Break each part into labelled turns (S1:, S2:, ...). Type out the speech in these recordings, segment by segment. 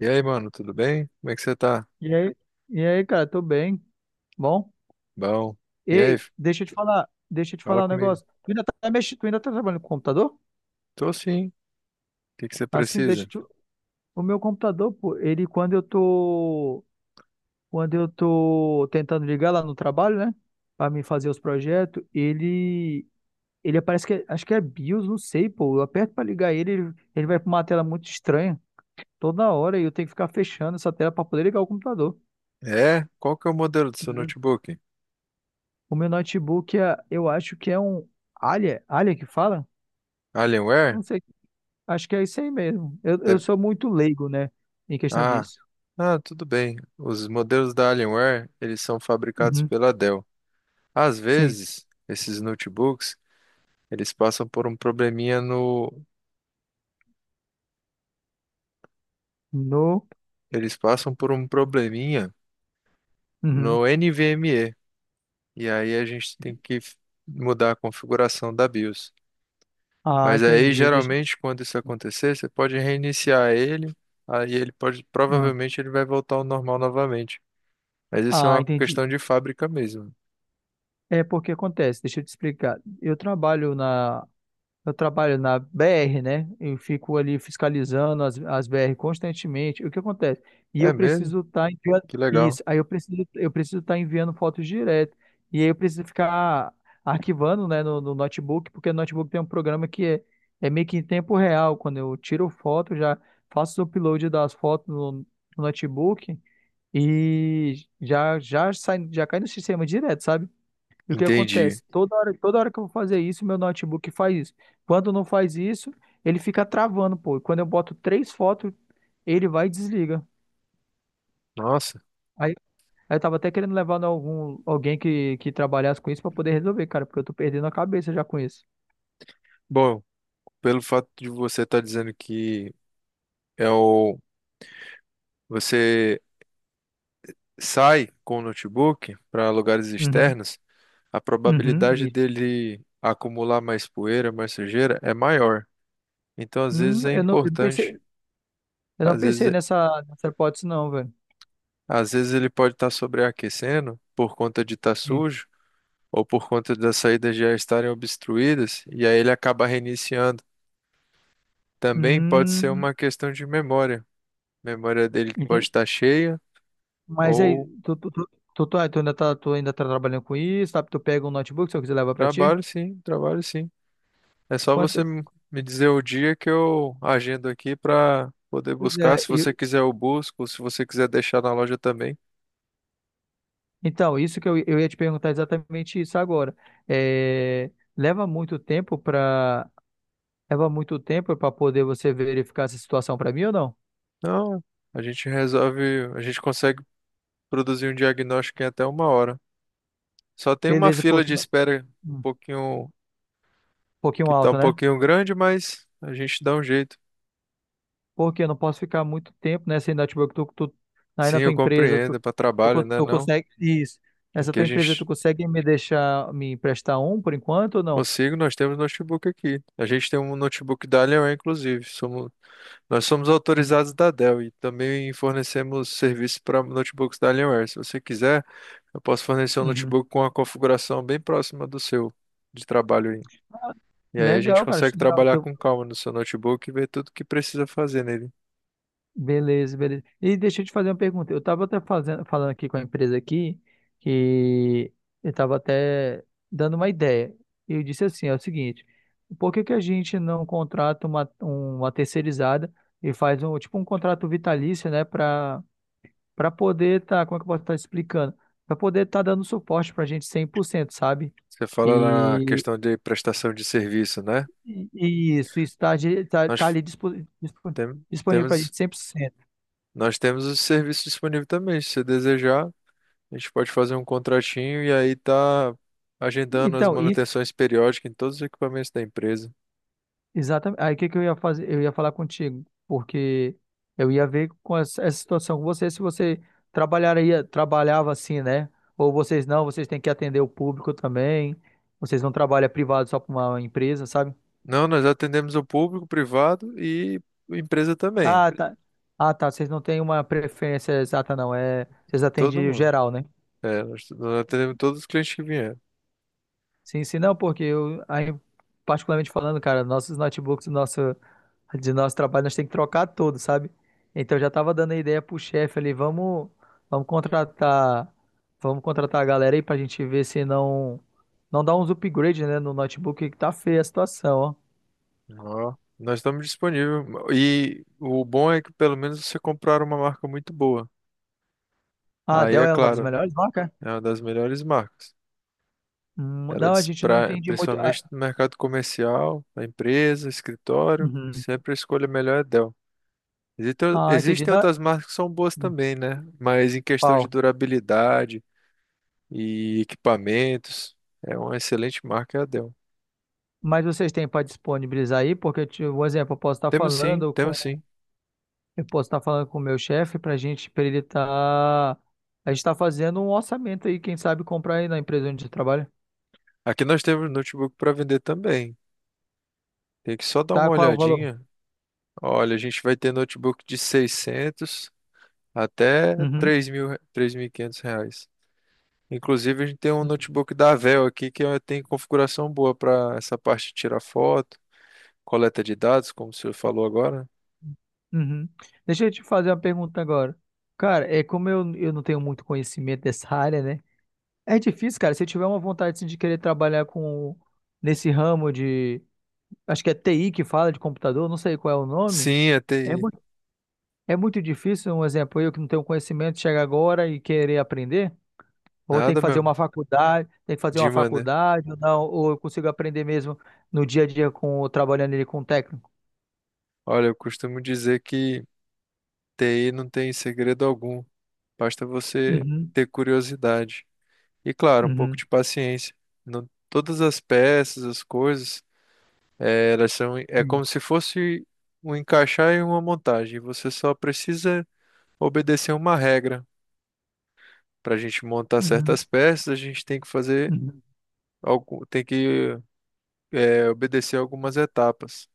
S1: E aí, mano, tudo bem? Como é que você tá?
S2: E aí, e aí, cara, tô bem. Bom?
S1: Bom. E aí,
S2: Ei,
S1: f-
S2: deixa eu te falar, deixa eu te
S1: Fala
S2: falar um
S1: comigo.
S2: negócio. Tu ainda tá trabalhando com computador?
S1: Tô sim. O que que você
S2: Assim, deixa eu
S1: precisa?
S2: te... O meu computador, pô, ele quando eu tô tentando ligar lá no trabalho, né, pra me fazer os projetos, ele parece que acho que é BIOS, não sei, pô. Eu aperto pra ligar ele, ele vai pra uma tela muito estranha toda hora e eu tenho que ficar fechando essa tela pra poder ligar o computador.
S1: É? Qual que é o modelo do seu notebook?
S2: O meu notebook, eu acho que é um Alia que fala?
S1: Alienware?
S2: Não sei, acho que é isso aí mesmo. Eu
S1: Deve-
S2: sou muito leigo, né, em questão
S1: Ah,
S2: disso.
S1: tudo bem. Os modelos da Alienware, eles são fabricados
S2: Uhum.
S1: pela Dell. Às
S2: Sim.
S1: vezes, esses notebooks, eles passam por um probleminha no.
S2: No...
S1: Eles passam por um probleminha
S2: Uhum.
S1: no NVMe. E aí a gente tem que mudar a configuração da BIOS.
S2: Ah,
S1: Mas aí,
S2: entendi. Deixa...
S1: geralmente, quando isso acontecer, você pode reiniciar ele. Aí ele pode.
S2: Ah,
S1: Provavelmente ele vai voltar ao normal novamente. Mas isso é
S2: ah,
S1: uma
S2: entendi.
S1: questão de fábrica mesmo.
S2: É porque acontece, deixa eu te explicar. Eu trabalho na BR, né? Eu fico ali fiscalizando as, BR constantemente. O que acontece? E
S1: É
S2: eu
S1: mesmo?
S2: preciso estar enviando
S1: Que legal.
S2: isso. Aí eu preciso estar enviando fotos direto. E aí eu preciso ficar arquivando, né, no, notebook, porque o notebook tem um programa que é meio que em tempo real. Quando eu tiro foto, já faço o upload das fotos no notebook e já já sai já cai no sistema direto, sabe? E o que
S1: Entendi.
S2: acontece? Toda hora que eu vou fazer isso, meu notebook faz isso. Quando não faz isso, ele fica travando, pô. E quando eu boto três fotos, ele vai e desliga.
S1: Nossa.
S2: Aí, aí eu tava até querendo levar em alguém que trabalhasse com isso pra poder resolver, cara, porque eu tô perdendo a cabeça já com isso.
S1: Bom, pelo fato de você estar dizendo que é o. você sai com o notebook para lugares
S2: Uhum,
S1: externos, a
S2: uhum,
S1: probabilidade
S2: isso.
S1: dele acumular mais poeira, mais sujeira é maior. Então, às vezes
S2: Hum,
S1: é
S2: eu não, eu não
S1: importante,
S2: pensei, eu não
S1: às
S2: pensei
S1: vezes,
S2: nessa hipótese, não, velho.
S1: às vezes ele pode estar sobreaquecendo por conta de estar
S2: Sim.
S1: sujo ou por conta das saídas já estarem obstruídas e aí ele acaba reiniciando. Também pode ser
S2: Hum,
S1: uma questão de memória. Memória dele pode
S2: entendi.
S1: estar cheia
S2: Mas aí,
S1: ou
S2: tu ainda tá trabalhando com isso, tá? Tu pega um notebook, se eu quiser levar pra ti?
S1: trabalho, sim, trabalho, sim. É só você
S2: Quanto,
S1: me dizer o dia que eu agendo aqui pra poder
S2: Pois
S1: buscar.
S2: é,
S1: Se você quiser, eu busco. Se você quiser deixar na loja também.
S2: então, isso que eu ia te perguntar exatamente isso agora. É, leva muito tempo para leva muito tempo para poder você verificar essa situação para mim ou não?
S1: Não, a gente resolve, a gente consegue produzir um diagnóstico em até uma hora. Só tem uma
S2: Beleza,
S1: fila
S2: porque
S1: de espera um
S2: um
S1: pouquinho,
S2: pouquinho
S1: que tá
S2: alto,
S1: um
S2: né?
S1: pouquinho grande, mas a gente dá um jeito.
S2: Porque eu não posso ficar muito tempo nessa network, aí
S1: Sim,
S2: na tua
S1: eu
S2: empresa,
S1: compreendo, é para trabalho, né?
S2: tu
S1: Não.
S2: consegue isso. Essa
S1: Aqui a
S2: tua empresa, tu
S1: gente
S2: consegue me deixar me emprestar um por enquanto ou não?
S1: consigo, nós temos notebook aqui. A gente tem um notebook da Alienware, inclusive. Somos Nós somos
S2: Hum,
S1: autorizados da Dell e também fornecemos serviço para notebooks da Alienware. Se você quiser, eu posso fornecer um
S2: uhum.
S1: notebook com uma configuração bem próxima do seu de trabalho aí. E aí a gente
S2: Legal, cara, acho
S1: consegue
S2: legal.
S1: trabalhar com calma no seu notebook e ver tudo que precisa fazer nele.
S2: Beleza, beleza. E deixa eu te fazer uma pergunta. Eu estava até falando aqui com a empresa aqui que eu estava até dando uma ideia. Eu disse assim, é o seguinte, por que que a gente não contrata uma terceirizada e faz um tipo um contrato vitalício, né, para poder tá, como é que eu posso estar explicando? Para poder estar dando suporte para a gente 100% sabe?
S1: Você fala na
S2: E,
S1: questão de prestação de serviço, né?
S2: e isso está tá, de- tá
S1: Nós
S2: tá
S1: f-
S2: ali dispo- disponível para a
S1: Temos,
S2: gente cem por cento.
S1: nós temos o serviço disponível também. Se você desejar, a gente pode fazer um contratinho e aí tá agendando as
S2: Então,
S1: manutenções periódicas em todos os equipamentos da empresa.
S2: exatamente. Aí o que que eu ia fazer? Eu ia falar contigo, porque eu ia ver com essa situação com você, se você trabalhava assim, né? Ou vocês não, vocês têm que atender o público também. Vocês não trabalham privado só para uma empresa, sabe?
S1: Não, nós atendemos o público, o privado e empresa também.
S2: Ah, tá. Ah, tá. Vocês não têm uma preferência exata, não. É, vocês
S1: Todo
S2: atendem o
S1: mundo.
S2: geral, né?
S1: É, nós atendemos todos os clientes que vieram.
S2: Sim, sim, não, porque eu, aí, particularmente falando, cara, nossos notebooks, nosso de nosso trabalho nós temos que trocar todo, sabe? Então eu já tava dando a ideia pro chefe ali, vamos contratar, vamos contratar a galera aí pra gente ver se não dá uns upgrades, né, no notebook que tá feia a situação, ó.
S1: Ó, nós estamos disponíveis. E o bom é que pelo menos você comprar uma marca muito boa.
S2: Ah, a
S1: Aí
S2: Dell
S1: é
S2: é uma das
S1: claro,
S2: melhores marcas?
S1: é uma das melhores marcas.
S2: Hum.
S1: Ela
S2: Não, a gente não
S1: despra,
S2: entende muito. Ah,
S1: principalmente no mercado comercial, da empresa, escritório,
S2: uhum.
S1: sempre a escolha melhor é Dell.
S2: Ah, entendi.
S1: Existem
S2: Não.
S1: outras marcas que são boas
S2: Hum.
S1: também, né? Mas em questão de
S2: Pau.
S1: durabilidade e equipamentos, é uma excelente marca, é a Dell.
S2: Mas vocês têm para disponibilizar aí? Porque, tipo, um exemplo,
S1: Temos sim, temos sim.
S2: eu posso estar falando com o meu chefe para gente, para ele estar. A gente está fazendo um orçamento aí, quem sabe comprar aí na empresa onde você trabalha.
S1: Aqui nós temos notebook para vender também. Tem que só dar uma
S2: Tá, qual é o valor?
S1: olhadinha. Olha, a gente vai ter notebook de 600 até
S2: Uhum.
S1: três mil, três mil e quinhentos reais. Inclusive, a gente tem um notebook da Dell aqui que tem configuração boa para essa parte de tirar foto, coleta de dados, como o senhor falou agora.
S2: Uhum. Deixa eu te fazer uma pergunta agora. Cara, é como eu não tenho muito conhecimento dessa área, né? É difícil, cara. Se eu tiver uma vontade assim, de querer trabalhar com nesse ramo de... Acho que é TI que fala de computador, não sei qual é o nome.
S1: Sim, é
S2: É
S1: TI.
S2: muito, é muito difícil, um exemplo, eu que não tenho conhecimento, chegar agora e querer aprender. Ou tem que
S1: Nada
S2: fazer
S1: mesmo.
S2: uma faculdade, tem que fazer uma
S1: Dima, né?
S2: faculdade, ou não, ou eu consigo aprender mesmo no dia a dia com trabalhando ele com o técnico.
S1: Olha, eu costumo dizer que TI não tem segredo algum. Basta você
S2: Uhum,
S1: ter curiosidade. E claro, um pouco
S2: uhum,
S1: de paciência. Não, todas as peças, as coisas, elas são, é
S2: sim,
S1: como se fosse um encaixar e uma montagem. Você só precisa obedecer uma regra. Para a gente montar
S2: uhum,
S1: certas peças, a gente tem que fazer
S2: uhum.
S1: algo, tem que obedecer algumas etapas.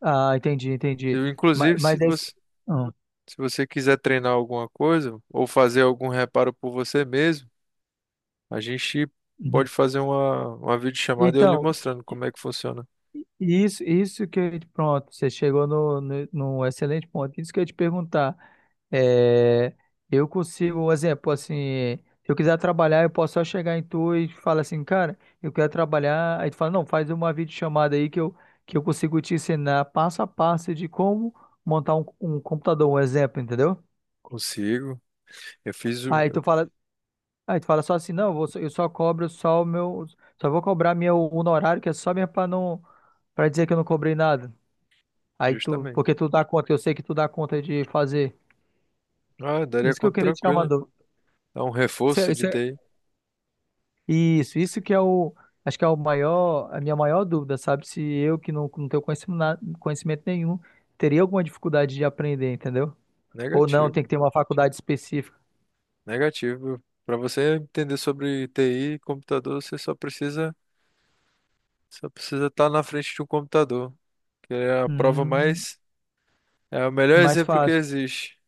S2: Ah, entendi, entendi. Mas,
S1: Inclusive,
S2: mas é isso. Ah,
S1: se você quiser treinar alguma coisa ou fazer algum reparo por você mesmo, a gente
S2: uhum.
S1: pode fazer uma videochamada e eu lhe
S2: Então,
S1: mostrando como é que funciona.
S2: isso que eu, pronto, você chegou no, no, num excelente ponto. Isso que eu ia te perguntar. É, eu consigo, um exemplo, assim, se eu quiser trabalhar, eu posso só chegar em tu e falar assim, cara, eu quero trabalhar. Aí tu fala, não, faz uma videochamada aí que eu consigo te ensinar passo a passo de como montar um computador, um exemplo, entendeu?
S1: Consigo. Eu fiz o,
S2: Aí
S1: eu-
S2: tu fala, aí tu fala só assim, não, eu só cobro só vou cobrar meu honorário, que é só mesmo pra não, para dizer que eu não cobrei nada. Aí tu,
S1: justamente.
S2: porque tu dá conta, eu sei que tu dá conta de fazer.
S1: Ah, daria
S2: Isso que eu
S1: conta
S2: queria tirar uma
S1: tranquila.
S2: dúvida.
S1: Dá um
S2: Isso,
S1: reforço de
S2: isso,
S1: TI.
S2: isso que é o, acho que é o maior, a minha maior dúvida, sabe? Se eu que não, tenho conhecimento, conhecimento nenhum, teria alguma dificuldade de aprender, entendeu? Ou não, tem
S1: Negativo.
S2: que ter uma faculdade específica.
S1: Negativo. Para você entender sobre TI e computador, você só precisa estar na frente de um computador, que é a prova
S2: Hum,
S1: mais é o melhor
S2: mais
S1: exemplo que
S2: fácil.
S1: existe.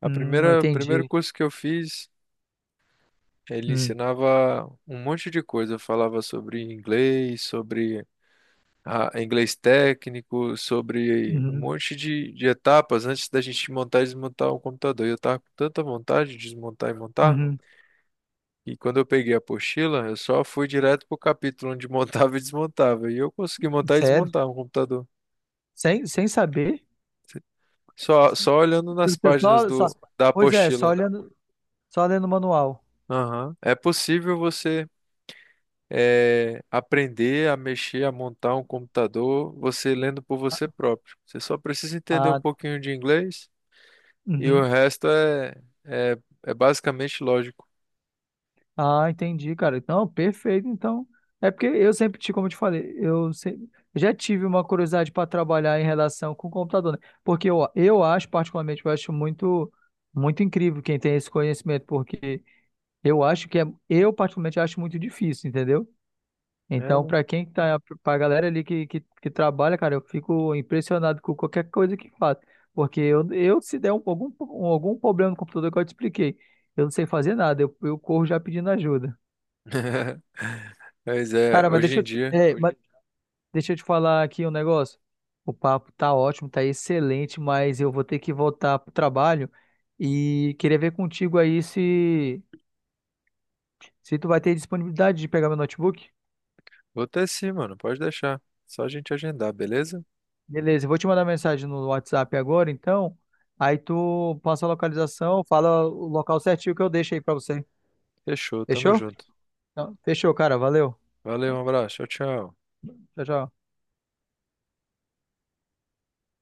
S1: A primeira primeiro
S2: Entendi.
S1: curso que eu fiz, ele
S2: Hum,
S1: ensinava um monte de coisa, falava sobre inglês, sobre inglês técnico, sobre um
S2: uhum,
S1: monte de etapas antes da gente montar e desmontar um computador. E eu tava com tanta vontade de desmontar e montar,
S2: uhum.
S1: e quando eu peguei a apostila, eu só fui direto pro capítulo onde montava e desmontava. E eu consegui montar e
S2: Sério?
S1: desmontar um computador.
S2: Sem saber?
S1: Só, olhando nas páginas
S2: Só, só,
S1: da
S2: pois é, só
S1: apostila.
S2: olhando, só lendo o manual.
S1: Aham. É possível você aprender a mexer, a montar um computador, você lendo por
S2: Ah,
S1: você próprio. Você só precisa entender um
S2: ah,
S1: pouquinho de inglês. E o
S2: uhum.
S1: resto é, é, é basicamente lógico.
S2: Ah, entendi, cara. Não, perfeito. Então, é porque eu sempre tive, como eu te falei, eu se- já tive uma curiosidade para trabalhar em relação com o computador, né? Porque eu acho, particularmente, eu acho muito, muito incrível quem tem esse conhecimento, porque eu acho eu particularmente acho muito difícil, entendeu?
S1: É,
S2: Então,
S1: mano.
S2: para quem tá, para galera ali que trabalha, cara, eu fico impressionado com qualquer coisa que faz, porque eu se der um- algum problema no computador que eu te expliquei, eu não sei fazer nada, eu corro já pedindo ajuda.
S1: Mas
S2: Cara,
S1: é,
S2: mas
S1: hoje
S2: deixa
S1: em
S2: eu te,
S1: dia.
S2: é, mas deixa eu te falar aqui um negócio. O papo tá ótimo, tá excelente, mas eu vou ter que voltar pro trabalho e queria ver contigo aí se tu vai ter disponibilidade de pegar meu notebook.
S1: Vou ter sim, mano. Pode deixar. Só a gente agendar, beleza?
S2: Beleza, eu vou te mandar mensagem no WhatsApp agora, então. Aí tu passa a localização, fala o local certinho que eu deixo aí pra você.
S1: Fechou, tamo
S2: Fechou?
S1: junto.
S2: Então, fechou, cara. Valeu.
S1: Valeu, um abraço. Tchau, tchau.
S2: Tchau, tchau.